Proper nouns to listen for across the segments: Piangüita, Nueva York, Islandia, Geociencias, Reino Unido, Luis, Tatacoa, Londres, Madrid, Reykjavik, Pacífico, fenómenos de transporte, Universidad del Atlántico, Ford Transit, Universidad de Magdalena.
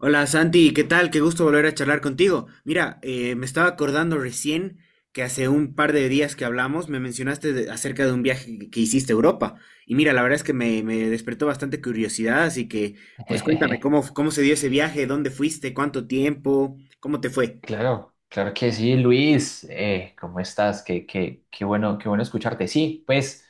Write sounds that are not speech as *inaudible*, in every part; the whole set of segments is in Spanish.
Hola Santi, ¿qué tal? Qué gusto volver a charlar contigo. Mira, me estaba acordando recién que hace un par de días que hablamos me mencionaste acerca de un viaje que hiciste a Europa. Y mira, la verdad es que me despertó bastante curiosidad, así que pues cuéntame *laughs* cómo se dio ese viaje, dónde fuiste, cuánto tiempo, cómo te fue. Claro, claro que sí, Luis. ¿Cómo estás? Qué bueno, qué bueno escucharte. Sí, pues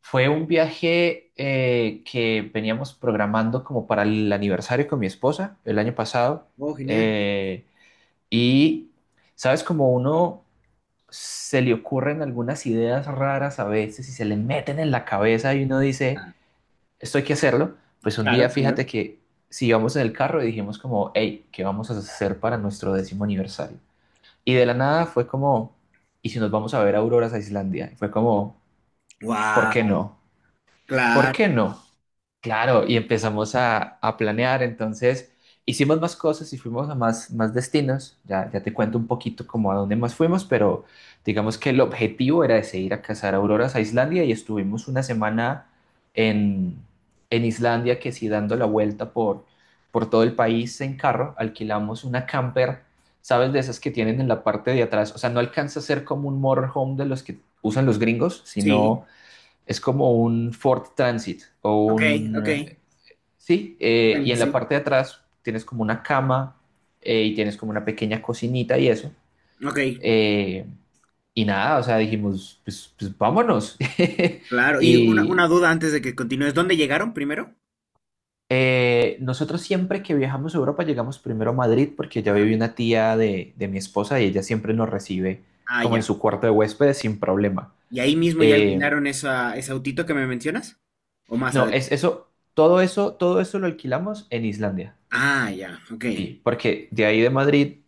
fue un viaje que veníamos programando como para el aniversario con mi esposa el año pasado. Oh, genial. Eh, y, ¿Sabes? Como uno se le ocurren algunas ideas raras a veces y se le meten en la cabeza y uno dice, Ah, esto hay que hacerlo. Pues un día claro, claro. fíjate que si íbamos en el carro y dijimos como, hey, ¿qué vamos a hacer para nuestro décimo aniversario? Y de la nada fue como, ¿y si nos vamos a ver auroras a Islandia? Y fue como, ¿por qué Wow, no? ¿Por qué claro, no? Claro, y empezamos a planear. Entonces hicimos más cosas y fuimos a más destinos, ya, ya te cuento un poquito como a dónde más fuimos, pero digamos que el objetivo era ese, ir a cazar auroras a Islandia y estuvimos una semana en, en Islandia, que sí, dando la vuelta por todo el país en carro. Alquilamos una camper, ¿sabes? De esas que tienen en la parte de atrás, o sea, no alcanza a ser como un motorhome de los que usan los gringos, sino sí. es como un Ford Transit o Ok, ok. un. Sí, y en la Sí. parte de atrás tienes como una cama y tienes como una pequeña cocinita y eso. Ok, Eh, y nada, o sea, dijimos, pues, pues vámonos. *laughs* claro. Y una Y duda antes de que continúes, ¿dónde llegaron primero? Nosotros siempre que viajamos a Europa llegamos primero a Madrid porque ya vive una tía de mi esposa y ella siempre nos recibe Ah, como en ya. su cuarto de huéspedes sin problema. ¿Y ahí mismo ya Eh, alquilaron esa, ese autito que me mencionas? ¿O más no, es adelante? eso, todo eso lo alquilamos en Islandia. Ah, ya, ok. Sí, porque de ahí de Madrid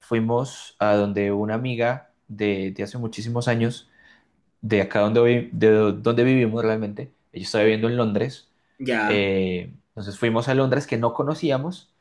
fuimos a donde una amiga de hace muchísimos años, de acá donde, vi- de do- donde vivimos realmente. Ella estaba viviendo en Londres, Ya. Entonces fuimos a Londres que no conocíamos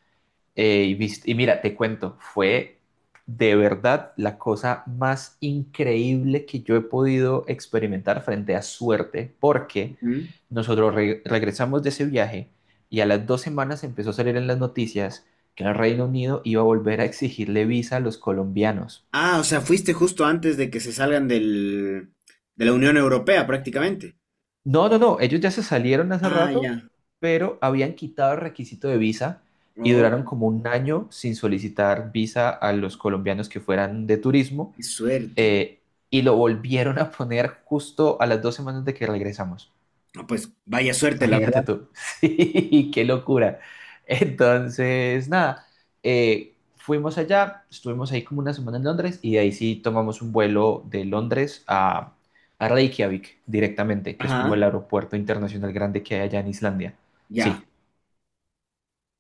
y mira, te cuento, fue de verdad la cosa más increíble que yo he podido experimentar frente a suerte, porque Ujú. nosotros regresamos de ese viaje y a las 2 semanas empezó a salir en las noticias que el Reino Unido iba a volver a exigirle visa a los colombianos. Ah, o sea, fuiste justo antes de que se salgan del, de la Unión Europea prácticamente. No, no, no, ellos ya se salieron hace Ah, rato, ya. pero habían quitado el requisito de visa y duraron Oh, como un año sin solicitar visa a los colombianos que fueran de turismo, qué suerte. eh, y lo volvieron a poner justo a las 2 semanas de que regresamos. Ah, pues vaya suerte, la verdad. Imagínate tú. *laughs* Sí, qué locura. Entonces, nada, fuimos allá, estuvimos ahí como una semana en Londres y de ahí sí tomamos un vuelo de Londres a Reykjavik directamente, que es como Ajá, el aeropuerto internacional grande que hay allá en Islandia. ya. Sí,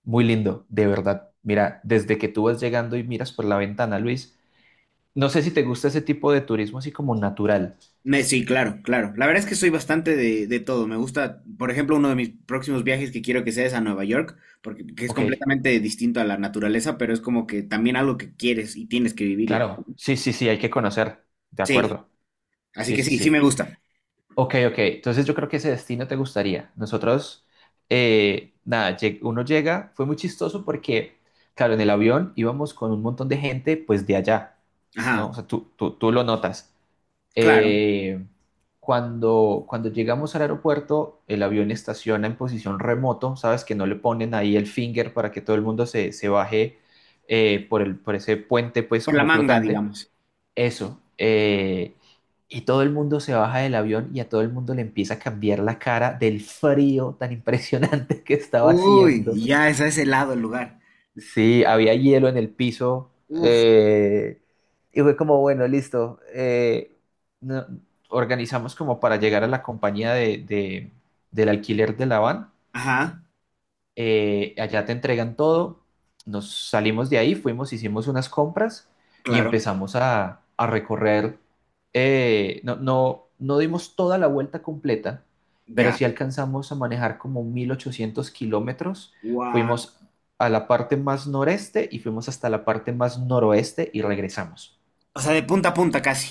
muy lindo, de verdad. Mira, desde que tú vas llegando y miras por la ventana, Luis, no sé si te gusta ese tipo de turismo así como natural, Sí, claro, claro. La verdad es que soy bastante de todo. Me gusta, por ejemplo, uno de mis próximos viajes que quiero que sea es a Nueva York, porque que es ¿ok? completamente distinto a la naturaleza, pero es como que también algo que quieres y tienes que vivir. Yo Claro, sí, sí, sí, hay que conocer, de sí, acuerdo. así Sí, que sí, sí, sí sí. me gusta. Ok, ok, entonces yo creo que ese destino te gustaría. Nosotros, nada, lleg- Uno llega. Fue muy chistoso porque, claro, en el avión íbamos con un montón de gente, pues de allá, ¿no? Ajá, O sea, tú lo notas. claro, Eh, cuando llegamos al aeropuerto, el avión estaciona en posición remoto, ¿sabes? Que no le ponen ahí el finger para que todo el mundo se baje por ese puente, pues, por la como manga, flotante. digamos. Eso. Y todo el mundo se baja del avión y a todo el mundo le empieza a cambiar la cara del frío tan impresionante *laughs* que estaba Uy, haciendo. ya es a ese lado el lugar. Sí, había hielo en el piso. Uf, eh, y fue como, bueno, listo. No- Organizamos como para llegar a la compañía del alquiler de la van. ajá, Allá te entregan todo, nos salimos de ahí, fuimos, hicimos unas compras y claro, empezamos a recorrer. No, no, no dimos toda la vuelta completa, pero ya. sí alcanzamos a manejar como 1800 kilómetros. Guau. Fuimos a la parte más noreste y fuimos hasta la parte más noroeste y regresamos. O sea, de punta a punta casi.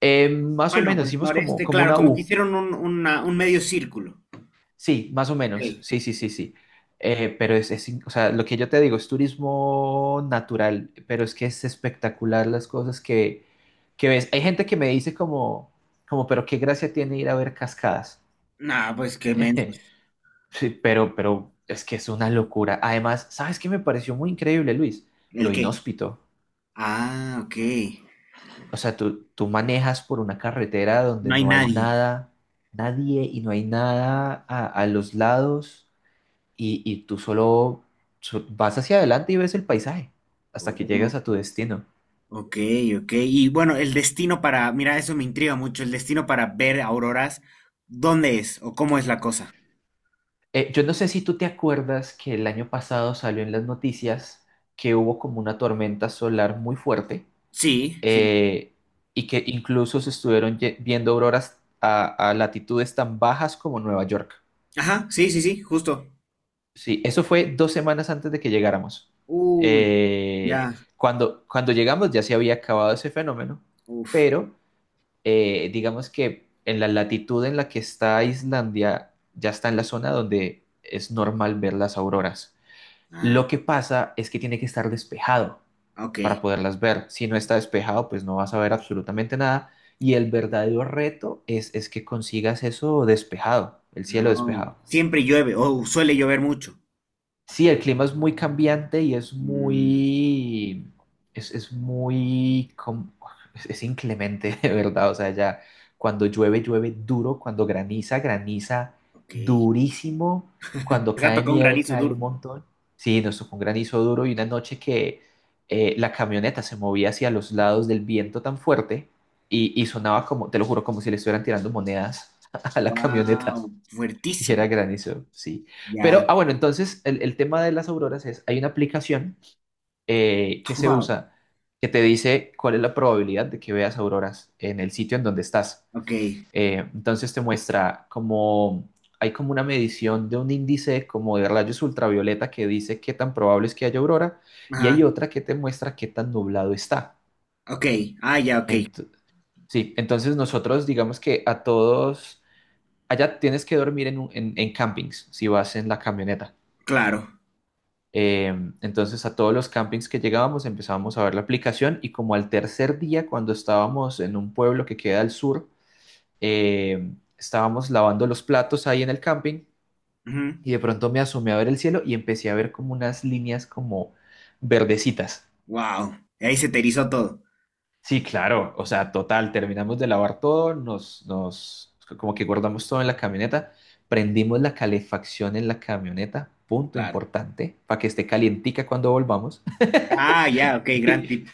Más o Bueno, menos pues hicimos como, noreste, como claro, una como que U. hicieron un, un medio círculo. Sí, más o Ok. menos. Sí, sí, sí, sí. O sea, lo que yo te digo es turismo natural, pero es que es espectacular las cosas que ves. Hay gente que me dice como, pero qué gracia tiene ir a ver cascadas. Nah, pues qué *laughs* mensos. Sí, pero es que es una locura. Además, ¿sabes qué me pareció muy increíble, Luis? Lo ¿El qué? inhóspito. Ah, ok. O sea, tú manejas por una carretera donde No hay no hay nadie. nada, nadie y no hay nada a los lados. Y tú solo vas hacia adelante y ves el paisaje hasta que Oh, llegas a tu destino. ok, ok. Y bueno, el destino para, mira, eso me intriga mucho, el destino para ver auroras, ¿dónde es o cómo es la cosa? Yo no sé si tú te acuerdas que el año pasado salió en las noticias que hubo como una tormenta solar muy fuerte, Sí, sí. eh, y que incluso se estuvieron viendo auroras a latitudes tan bajas como Nueva York. Ajá, sí, sí, sí, justo. Sí, eso fue 2 semanas antes de que llegáramos. Uy, Eh, ya. cuando llegamos ya se había acabado ese fenómeno, Uf. pero digamos que en la latitud en la que está Islandia, ya está en la zona donde es normal ver las auroras. Ah, Lo que pasa es que tiene que estar despejado ok. para poderlas ver. Si no está despejado, pues no vas a ver absolutamente nada. Y el verdadero reto es que consigas eso despejado, el cielo No. despejado. Siempre llueve, o suele llover mucho. Sí, el clima es muy cambiante y Mm, es muy, com- es inclemente, *laughs* de verdad. O sea, ya cuando llueve, llueve duro, cuando graniza, graniza ok. durísimo, cuando Les ha cae tocado un nieve, granizo cae duro. un montón. Sí, nos tocó un granizo duro y una noche que la camioneta se movía hacia los lados del viento tan fuerte y sonaba como, te lo juro, como si le estuvieran tirando monedas *laughs* a la camioneta. Wow, Y fuertísimo. era granizo, sí. Ya. Pero, ah, bueno, entonces el tema de las auroras es, hay una aplicación que *laughs* se Wow. usa, que te dice cuál es la probabilidad de que veas auroras en el sitio en donde estás. Ok. Entonces te muestra como, hay como una medición de un índice como de rayos ultravioleta que dice qué tan probable es que haya aurora y hay Ajá. otra que te muestra qué tan nublado está. Ok. Ah, ya, ok. Ent- sí, entonces nosotros digamos que a todos, allá tienes que dormir en campings si vas en la camioneta. Claro. Eh, entonces a todos los campings que llegábamos empezábamos a ver la aplicación y como al tercer día cuando estábamos en un pueblo que queda al sur, estábamos lavando los platos ahí en el camping y de pronto me asomé a ver el cielo y empecé a ver como unas líneas como verdecitas. Wow. Ahí se te erizó todo. Sí, claro, o sea, total, terminamos de lavar todo, como que guardamos todo en la camioneta, prendimos la calefacción en la camioneta, punto Claro. importante, para que esté calientica cuando volvamos. Ah, ya, ok, gran *laughs* tip.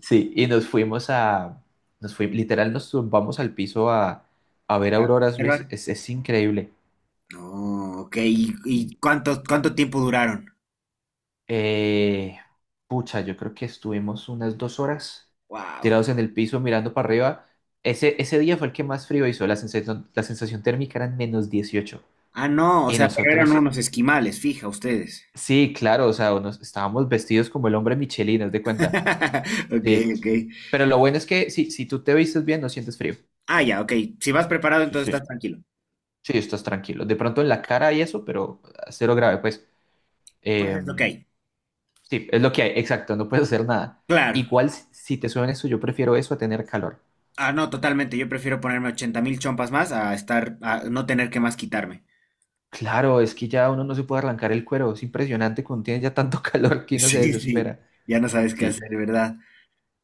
Sí, y nos fuimos a, literal nos tumbamos al piso a ver Ah, auroras, Luis, observar. es increíble. No, ok. Y Y, cuánto, cuánto tiempo duraron? eh, Pucha, yo creo que estuvimos unas 2 horas Wow. tirados en el piso mirando para arriba. Ese día fue el que más frío hizo, la sensación térmica eran -18. Ah, no, o Y sea, pero eran nosotros, unos esquimales, fija ustedes. sí, claro, o sea, estábamos vestidos como el hombre Michelin, haz de cuenta. *laughs* Ok, Sí, ok. pero lo bueno es que si tú te vistes bien, no sientes frío. Ah, ya, ok. Si vas preparado, Sí, entonces sí. estás tranquilo. Sí, estás tranquilo. De pronto en la cara y eso, pero cero grave, pues. Pues Eh, es lo que hay. sí, es lo que hay, exacto, no puedes hacer nada. Claro. Igual si te suena eso, yo prefiero eso a tener calor. Ah, no, totalmente. Yo prefiero ponerme 80.000 chompas más a estar, a no tener que más quitarme. *laughs* Claro, es que ya uno no se puede arrancar el cuero, es impresionante cuando tiene ya tanto *laughs* calor que uno se Sí, sí. desespera. Ya no sabes qué hacer, Sí, ¿verdad?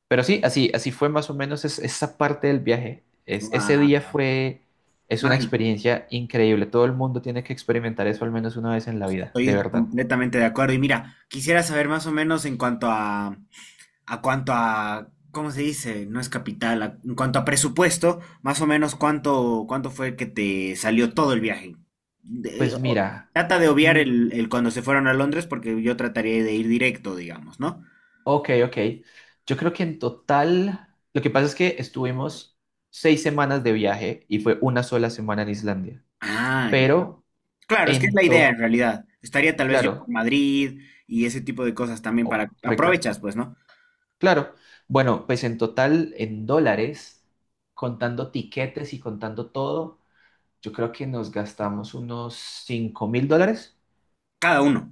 pero sí, así, así fue más o menos esa parte del viaje. Ese Guau, día es una mágico. experiencia increíble. Todo el mundo tiene que experimentar eso al menos una vez en la vida, de Estoy verdad. completamente de acuerdo. Y mira, quisiera saber más o menos en cuanto a ¿cómo se dice? No es capital, en cuanto a presupuesto, más o menos cuánto fue que te salió todo el viaje. De- Pues o- mira. trata de obviar Mm, el cuando se fueron a Londres porque yo trataría de ir directo, digamos, ¿no? ok, ok. Yo creo que en total, lo que pasa es que estuvimos 6 semanas de viaje y fue una sola semana en Islandia. Ah, ya. Pero Claro, es que es la en idea en total, realidad. Estaría tal vez yo por claro, Madrid y ese tipo de cosas también para... oh, rico, Aprovechas, pues, ¿no? claro. Bueno, pues en total, en dólares, contando tiquetes y contando todo, yo creo que nos gastamos unos $5000 Cada uno.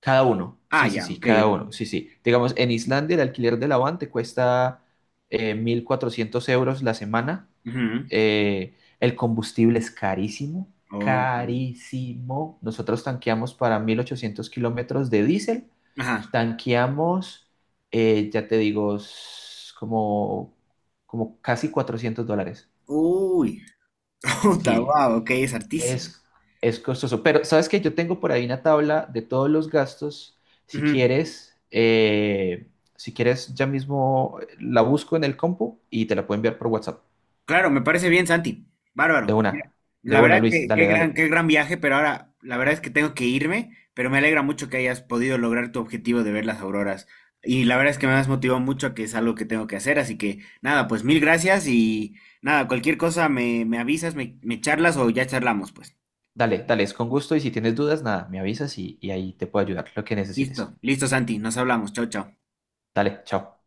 cada uno. Ah, Sí, sí, ya, sí, ok, cada ok. uno. Sí, sí. Digamos, en Islandia el alquiler de la van te cuesta 1400 € la semana. Ujú. El combustible es carísimo, Ok. carísimo. Nosotros tanqueamos para 1800 kilómetros de diésel. Ajá. Tanqueamos, ya te digo, s- como, como casi $400. Uy, *laughs* puta, Sí, wow, ok, es hartísimo. es, es costoso. Pero sabes que yo tengo por ahí una tabla de todos los gastos. Si Ujú. quieres, eh, si quieres, ya mismo la busco en el compu y te la puedo enviar por WhatsApp. Claro, me parece bien, Santi. De Bárbaro. Mira, una, de la una, verdad Luis. que Dale, dale. qué gran viaje, pero ahora la verdad es que tengo que irme, pero me alegra mucho que hayas podido lograr tu objetivo de ver las auroras. Y la verdad es que me has motivado mucho a que es algo que tengo que hacer, así que nada, pues mil gracias y nada, cualquier cosa me, me avisas, me charlas o ya charlamos, pues. Dale, dale, es con gusto y si tienes dudas, nada, me avisas y ahí te puedo ayudar, lo que necesites. Listo, listo, Santi, nos hablamos. Chao, chao. Dale, chao.